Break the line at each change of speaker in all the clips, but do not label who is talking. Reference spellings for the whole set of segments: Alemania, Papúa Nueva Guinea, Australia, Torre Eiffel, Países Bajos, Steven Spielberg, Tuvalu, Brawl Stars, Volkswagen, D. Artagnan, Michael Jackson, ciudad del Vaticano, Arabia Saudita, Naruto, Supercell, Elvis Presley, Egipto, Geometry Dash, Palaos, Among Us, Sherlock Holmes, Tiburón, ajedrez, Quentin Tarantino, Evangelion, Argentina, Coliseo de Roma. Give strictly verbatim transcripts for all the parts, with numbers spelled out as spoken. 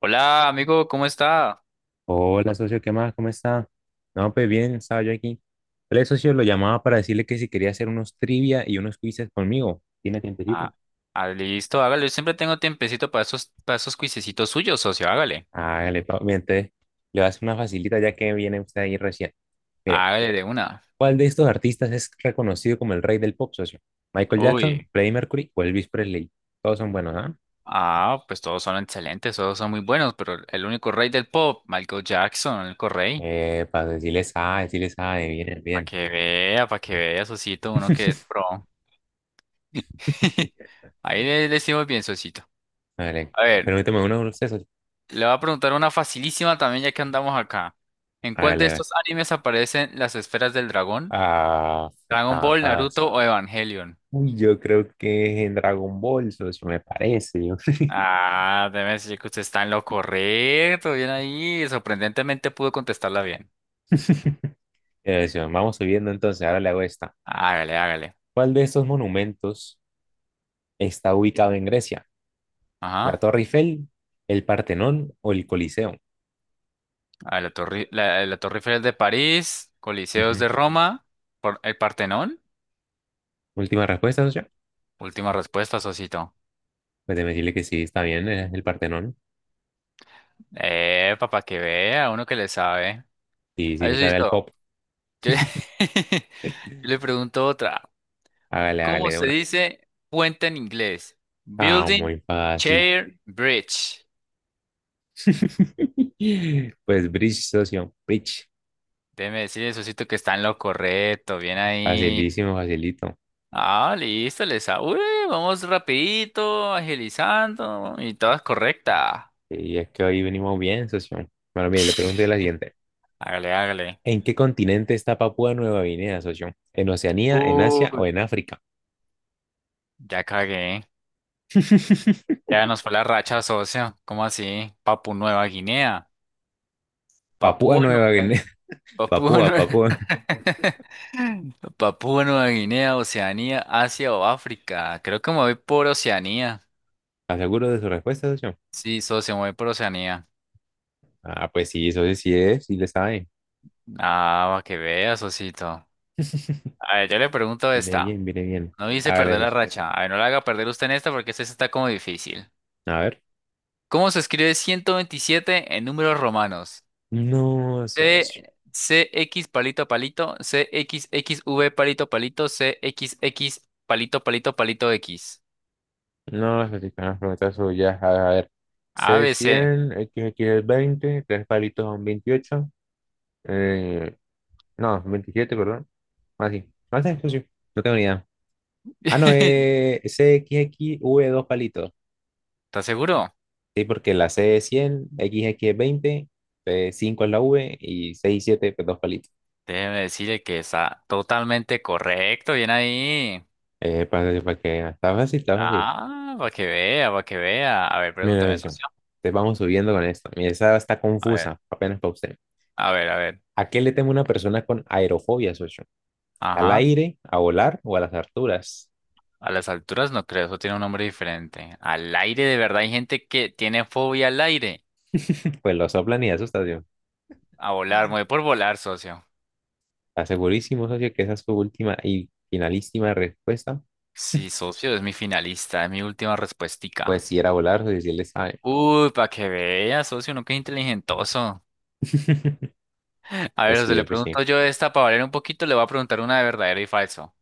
Hola, amigo, ¿cómo está?
Hola, socio, ¿qué más? ¿Cómo está? No, pues bien, estaba yo aquí. El socio lo llamaba para decirle que si quería hacer unos trivia y unos quizzes conmigo. ¿Tiene tiempecito?
Ah, Ah, listo, hágale. Yo siempre tengo tiempecito para esos, para esos cuisecitos suyos, socio. Hágale.
Hágale, papi. Entonces, le voy a hacer una facilita ya que viene usted ahí recién. Mire,
Hágale de una.
¿cuál de estos artistas es reconocido como el rey del pop, socio? ¿Michael Jackson,
Uy.
Freddie Mercury o Elvis Presley? Todos son buenos, ¿ah?
Ah, pues todos son excelentes, todos son muy buenos, pero el único rey del pop, Michael Jackson, el único rey.
Eh, para decirles ah, decirles ah, bien,
Para
bien.
que vea, para que vea, socito, uno que es pro. Ahí le le decimos bien, socito.
Hágale.
A ver,
Permíteme uno de ustedes, socio.
le voy a preguntar una facilísima también, ya que andamos acá. ¿En cuál
Hágale,
de
hágale.
estos animes aparecen las esferas del dragón?
Ah,
Dragon
está
Ball,
fácil.
Naruto o Evangelion.
Uy, yo creo que es en Dragon Ball, socio, me parece. Yo.
Ah, déjeme decir que usted está en lo correcto, bien ahí. Sorprendentemente pudo contestarla bien.
Eh, socio, vamos subiendo entonces, ahora le hago esta.
Hágale, hágale.
¿Cuál de estos monumentos está ubicado en Grecia? ¿La
Ajá.
Torre Eiffel, el Partenón o el Coliseo?
A ver, la Torre, la, la Torre Eiffel de París, Coliseos
Ujú.
de Roma, por el Partenón.
Última respuesta, socio.
Última respuesta, Sosito.
Pues déjeme decirle que sí, está bien, es el Partenón.
Eh, papá, que vea, uno que le sabe.
Y si
Ay,
le sabe al
Sosito,
pop,
yo, yo le pregunto otra.
hágale, hágale
¿Cómo
de
se
una.
dice puente en inglés?
Ah,
Building,
muy fácil.
chair, bridge.
Pues bridge, socio, bridge.
Déjeme decirle, Sosito, que está en lo correcto. Bien ahí.
Facilísimo, facilito.
Ah, listo, les uy, vamos rapidito, agilizando. Y todas correctas.
Y es que hoy venimos bien, socio. Bueno, mire, le pregunto la siguiente.
Hágale, hágale.
¿En qué continente está Papúa Nueva Guinea, socio? ¿En Oceanía, en Asia
Uy,
o en África?
ya cagué. Ya nos fue la racha, socio. ¿Cómo así? Papu Nueva Guinea.
Papúa
Papúa
Nueva
Nueva...
Guinea.
Papúa
Papúa,
Nueva...
Papúa.
Papúa Nueva Guinea, Oceanía, Asia o África. Creo que me voy por Oceanía.
¿Estás seguro de su respuesta, socio?
Sí, socio, me voy por Oceanía.
Ah, pues sí, socio, sí es, sí le sabe.
Ah, para que veas, socito. A ver, yo le pregunto
Viene
esta.
bien, viene bien.
No dice
Hágale,
perder la
socio.
racha. A ver, no la haga perder usted en esta porque esta sí está como difícil.
A ver.
¿Cómo se escribe ciento veintisiete en números romanos?
No,
C,
socio.
CX palito palito, C X X V palito palito, C X X palito palito palito X.
No, socio, con las preguntas suyas. A ver.
A B C.
C cien, X X es veinte, tres palitos son veintiocho. Eh, no, veintisiete, perdón. Así. No sé, socio. No tengo ni idea. Ah, no, eh, V dos palitos.
¿Estás seguro?
Sí, porque la C es cien, X X es veinte, eh, cinco es la V y seis y siete pues dos palitos.
Déjeme decirle que está totalmente correcto. Bien ahí.
Eh, para, para que está fácil, está fácil.
Ah, para que vea, para que vea. A ver,
Mira,
pregúntame,
atención.
socio.
Te vamos subiendo con esto. Mira, esa está
A ver,
confusa, apenas para usted.
a ver, a ver.
¿A qué le teme una persona con aerofobia, socio? ¿Al
Ajá.
aire, a volar o a las alturas?
A las alturas no creo, eso tiene un nombre diferente. Al aire, de verdad, hay gente que tiene fobia al aire.
Pues lo soplan y asustan, tío.
A volar, mueve por volar, socio.
Está segurísimo, socio, que esa es su última y finalísima respuesta.
Sí, socio, es mi finalista, es mi última
Pues
respuestica.
si era volar, socio, si él le sabe.
Uy, para que vea, socio, no que es inteligentoso. A
Pues
ver, se
sí,
le
pues sí.
pregunto yo esta para valer un poquito, le voy a preguntar una de verdadero y falso.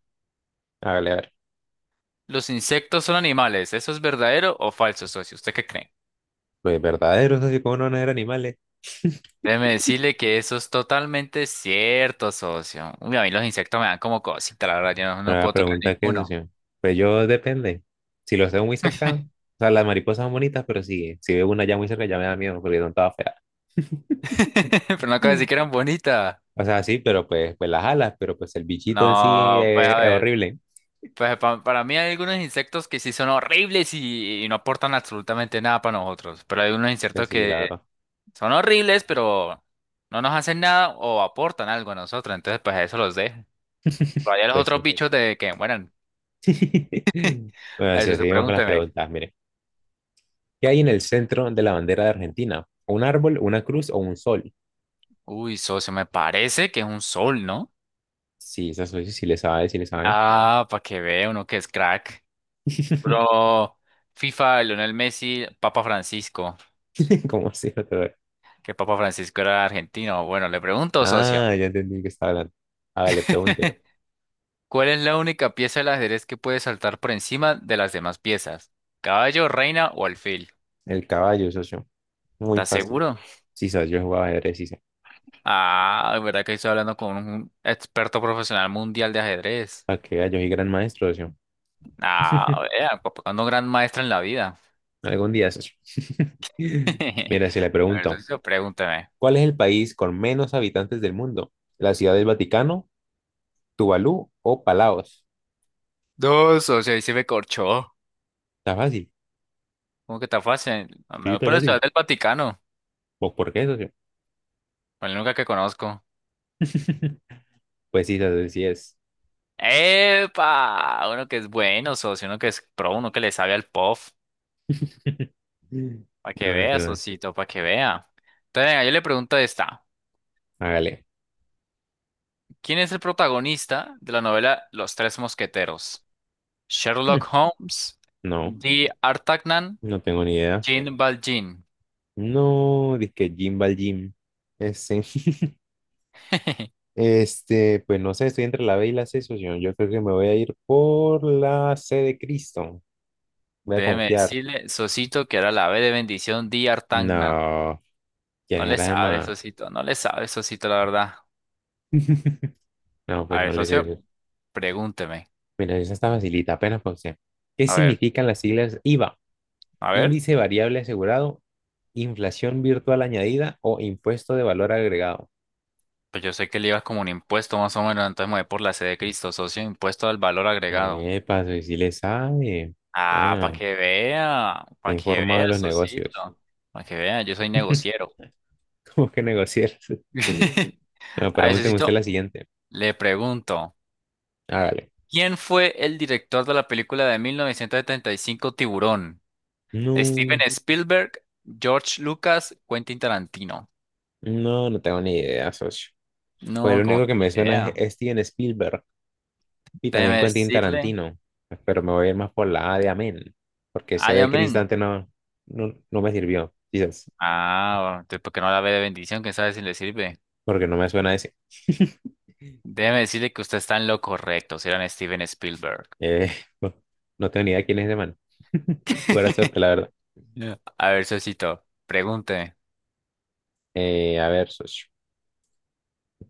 Hágale, a ver.
¿Los insectos son animales? ¿Eso es verdadero o falso, socio? ¿Usted qué cree?
Pues verdaderos, así como no van a ser animales.
Déjeme decirle que eso es totalmente cierto, socio. Uy, a mí los insectos me dan como cosita, la verdad, yo no,
Pero
no
la
puedo tocar
pregunta que es,
ninguno.
socio. Pues yo depende. Si los veo muy cerca, o sea, las mariposas son bonitas, pero sí, si veo una ya muy cerca ya me da miedo porque son todas feas.
Pero no acabo de
Mm.
decir que eran bonitas.
O sea, sí, pero pues, pues las alas, pero pues el bichito en sí
No, pues
eh,
a
es
ver,
horrible.
pues pa- para mí hay algunos insectos que sí son horribles y, y no aportan absolutamente nada para nosotros, pero hay unos
Pues
insectos
sí, la
que
verdad.
son horribles, pero no nos hacen nada o aportan algo a nosotros, entonces pues a eso los dejo. Pero hay los
Pues
otros
sí.
bichos de que, bueno,
Bueno,
a eso
sí,
se
seguimos con las
pregúnteme.
preguntas. Mire, ¿qué hay en el centro de la bandera de Argentina? ¿Un árbol, una cruz o un sol?
Uy, socio, me parece que es un sol, ¿no?
Sí, esa soy, sí le sabe, sí le sabe.
Ah, para que vea uno que es crack. Bro, FIFA, Lionel Messi, Papa Francisco.
¿Cómo así? No te veo.
Que Papa Francisco era argentino. Bueno, le pregunto, socio,
Ah, ya entendí de qué estaba hablando. Hágale, pregunte.
¿cuál es la única pieza del ajedrez que puede saltar por encima de las demás piezas? ¿Caballo, reina o alfil?
El caballo, socio. Muy
¿Estás
fácil.
seguro?
Sí, socio, yo jugaba ajedrez, sí, sé.
Ah, verdad que estoy hablando con un experto profesional mundial de ajedrez.
¿Para qué gallo y gran maestro, socio?
Ah, vea, cuando gran maestra en la vida.
Algún día, socio. Mira, si le
A ver,
pregunto,
socio, pregúntame.
¿cuál es el país con menos habitantes del mundo? ¿La ciudad del Vaticano, Tuvalu o Palaos?
Dos, socio, ahí se me corchó.
Está fácil.
¿Cómo que está fácil? Me
Sí,
voy
está
por la Ciudad
fácil.
del Vaticano,
¿Vos por qué, socio?
la única que conozco.
Pues sí, socio, sí es.
¡Epa! Uno que es bueno, socio, uno que es pro, uno que le sabe al puff. Para que
No, no,
vea,
no.
socito, para que vea. Entonces, venga, yo le pregunto esta.
Hágale.
¿Quién es el protagonista de la novela Los Tres Mosqueteros?
Hmm,
¿Sherlock Holmes,
No,
D. Artagnan,
no tengo ni idea.
Jean Valjean?
No, dizque Jim va al gym. Este, este, pues no sé, estoy entre la B y la C, socio. Yo creo que me voy a ir por la C de Cristo. Voy a
Déjeme
confiar.
decirle, socito, que era la B de bendición, D. Artagnan.
No,
No
¿quién es
le
la
sabe,
demás?
socito, no le sabe, socito, la verdad.
No, pues
A ver,
no le
socio,
sé.
pregúnteme.
Mira, esa está facilita, apenas para usted. ¿Qué
A ver,
significan las siglas IVA?
a ver.
Índice variable asegurado, inflación virtual añadida o impuesto de valor agregado.
Pues yo sé que el IVA es como un impuesto más o menos, entonces me voy por la C de Cristo, socio, impuesto al valor agregado.
Epa, si le sabe.
Ah, para
Bueno,
que vea,
está
para que
informado
vea,
de los
socito,
negocios.
para que vea, yo soy negociero.
Cómo que negociar. No,
A ese
pregúnteme usted la
sitio
siguiente.
le pregunto,
Hágale.
¿quién fue el director de la película de mil novecientos setenta y cinco Tiburón? ¿Steven
No,
Spielberg, George Lucas, Quentin Tarantino?
no, no tengo ni idea, socio. Pues
No,
el
como
único que
que
me
ni
suena es
idea.
es Steven Spielberg y también
Déjeme
Quentin
decirle,
Tarantino. Pero me voy a ir más por la A de Amén, porque C
ay,
de
amén.
Cristante no, no, no me sirvió, quizás,
Ah, bueno, entonces, ¿por qué no la ve de bendición? ¿Quién sabe si le sirve?
porque no me suena ese.
Déjeme decirle que usted está en lo correcto, si eran Steven Spielberg.
Eh, no, no tengo ni idea quién es ese man. Buena suerte, la verdad.
Yeah. A ver, socito, pregúnteme.
Eh, a ver, socio.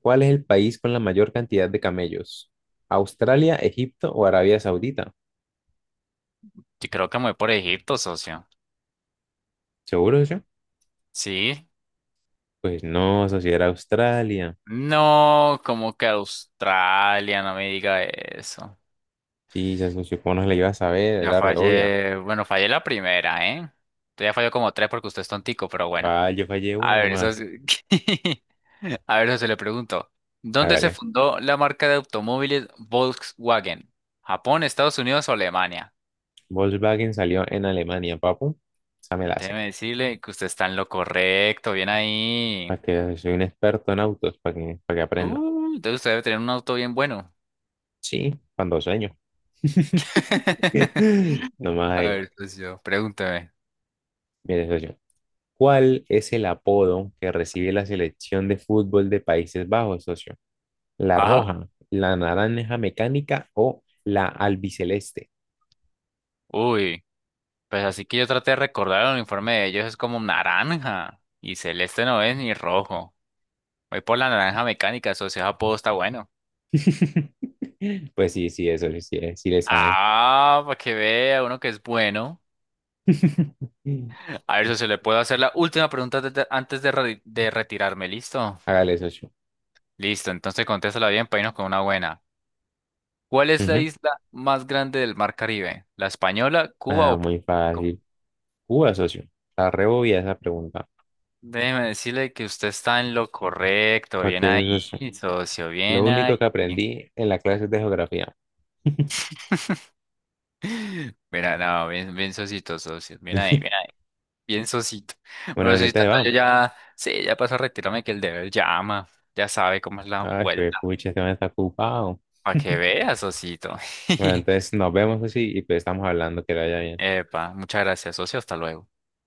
¿Cuál es el país con la mayor cantidad de camellos? ¿Australia, Egipto o Arabia Saudita?
Yo creo que me voy por Egipto, socio.
¿Seguro, socio?
¿Sí?
Pues no, socio, era Australia.
No, como que Australia, no me diga eso.
Sí, ya socio, ¿cómo no se la iba a saber?
Ya
Era re obvia.
fallé, bueno, fallé la primera, ¿eh? Usted ya falló como tres porque usted es tontico, pero bueno.
Ah, yo fallé
A
una
ver, eso
nomás.
sí. A ver, eso se le pregunto. ¿Dónde se
Hágale.
fundó la marca de automóviles Volkswagen? ¿Japón, Estados Unidos o Alemania?
Volkswagen salió en Alemania, papu. Esa me la hace.
Déjeme decirle que usted está en lo correcto, bien ahí.
Para que vea, soy un experto en autos, para que, para que aprenda.
Uh, entonces usted debe tener un auto bien bueno.
Sí, cuando sueño. Nomás
A
ahí.
ver, pues yo, pregúntame.
Mire, socio. ¿Cuál es el apodo que recibe la selección de fútbol de Países Bajos, socio? ¿La
Ajá.
roja, la naranja mecánica o la albiceleste?
Uy, pues así que yo traté de recordar el uniforme de ellos, es como naranja. Y celeste no es ni rojo. Voy por la naranja mecánica, socio, ese apodo está bueno.
Pues sí, sí, eso sí, sí, eh, sí le sabe.
Ah, para que vea uno que es bueno. A ver, socio, le puedo hacer la última pregunta de- de- antes de, re- de retirarme, ¿listo?
Hágale, socio.
Listo, entonces contéstala bien para irnos con una buena. ¿Cuál es la
Ujú.
isla más grande del Mar Caribe? ¿La Española, Cuba
Ah,
o
muy
Puerto Rico?
fácil. Uy, socio. La rebobia esa pregunta.
Déjeme decirle que usted está en lo correcto.
¿Para
Bien ahí,
qué, socio?
socio,
Lo
bien ahí.
único que aprendí en la clase de geografía.
Mira, no, bien, bien socito, socio. Bien ahí, bien ahí. Bien socito.
Bueno,
Bueno,
así
socito,
entonces
entonces
vamos.
yo ya, sí, ya paso a retirarme que el deber llama. Ya sabe cómo es la
Ay, pues,
vuelta.
pucha, este man está ocupado.
Para que vea, socito.
Bueno, entonces nos vemos, socio, y pues estamos hablando, que le vaya bien.
Epa, muchas gracias, socio. Hasta luego.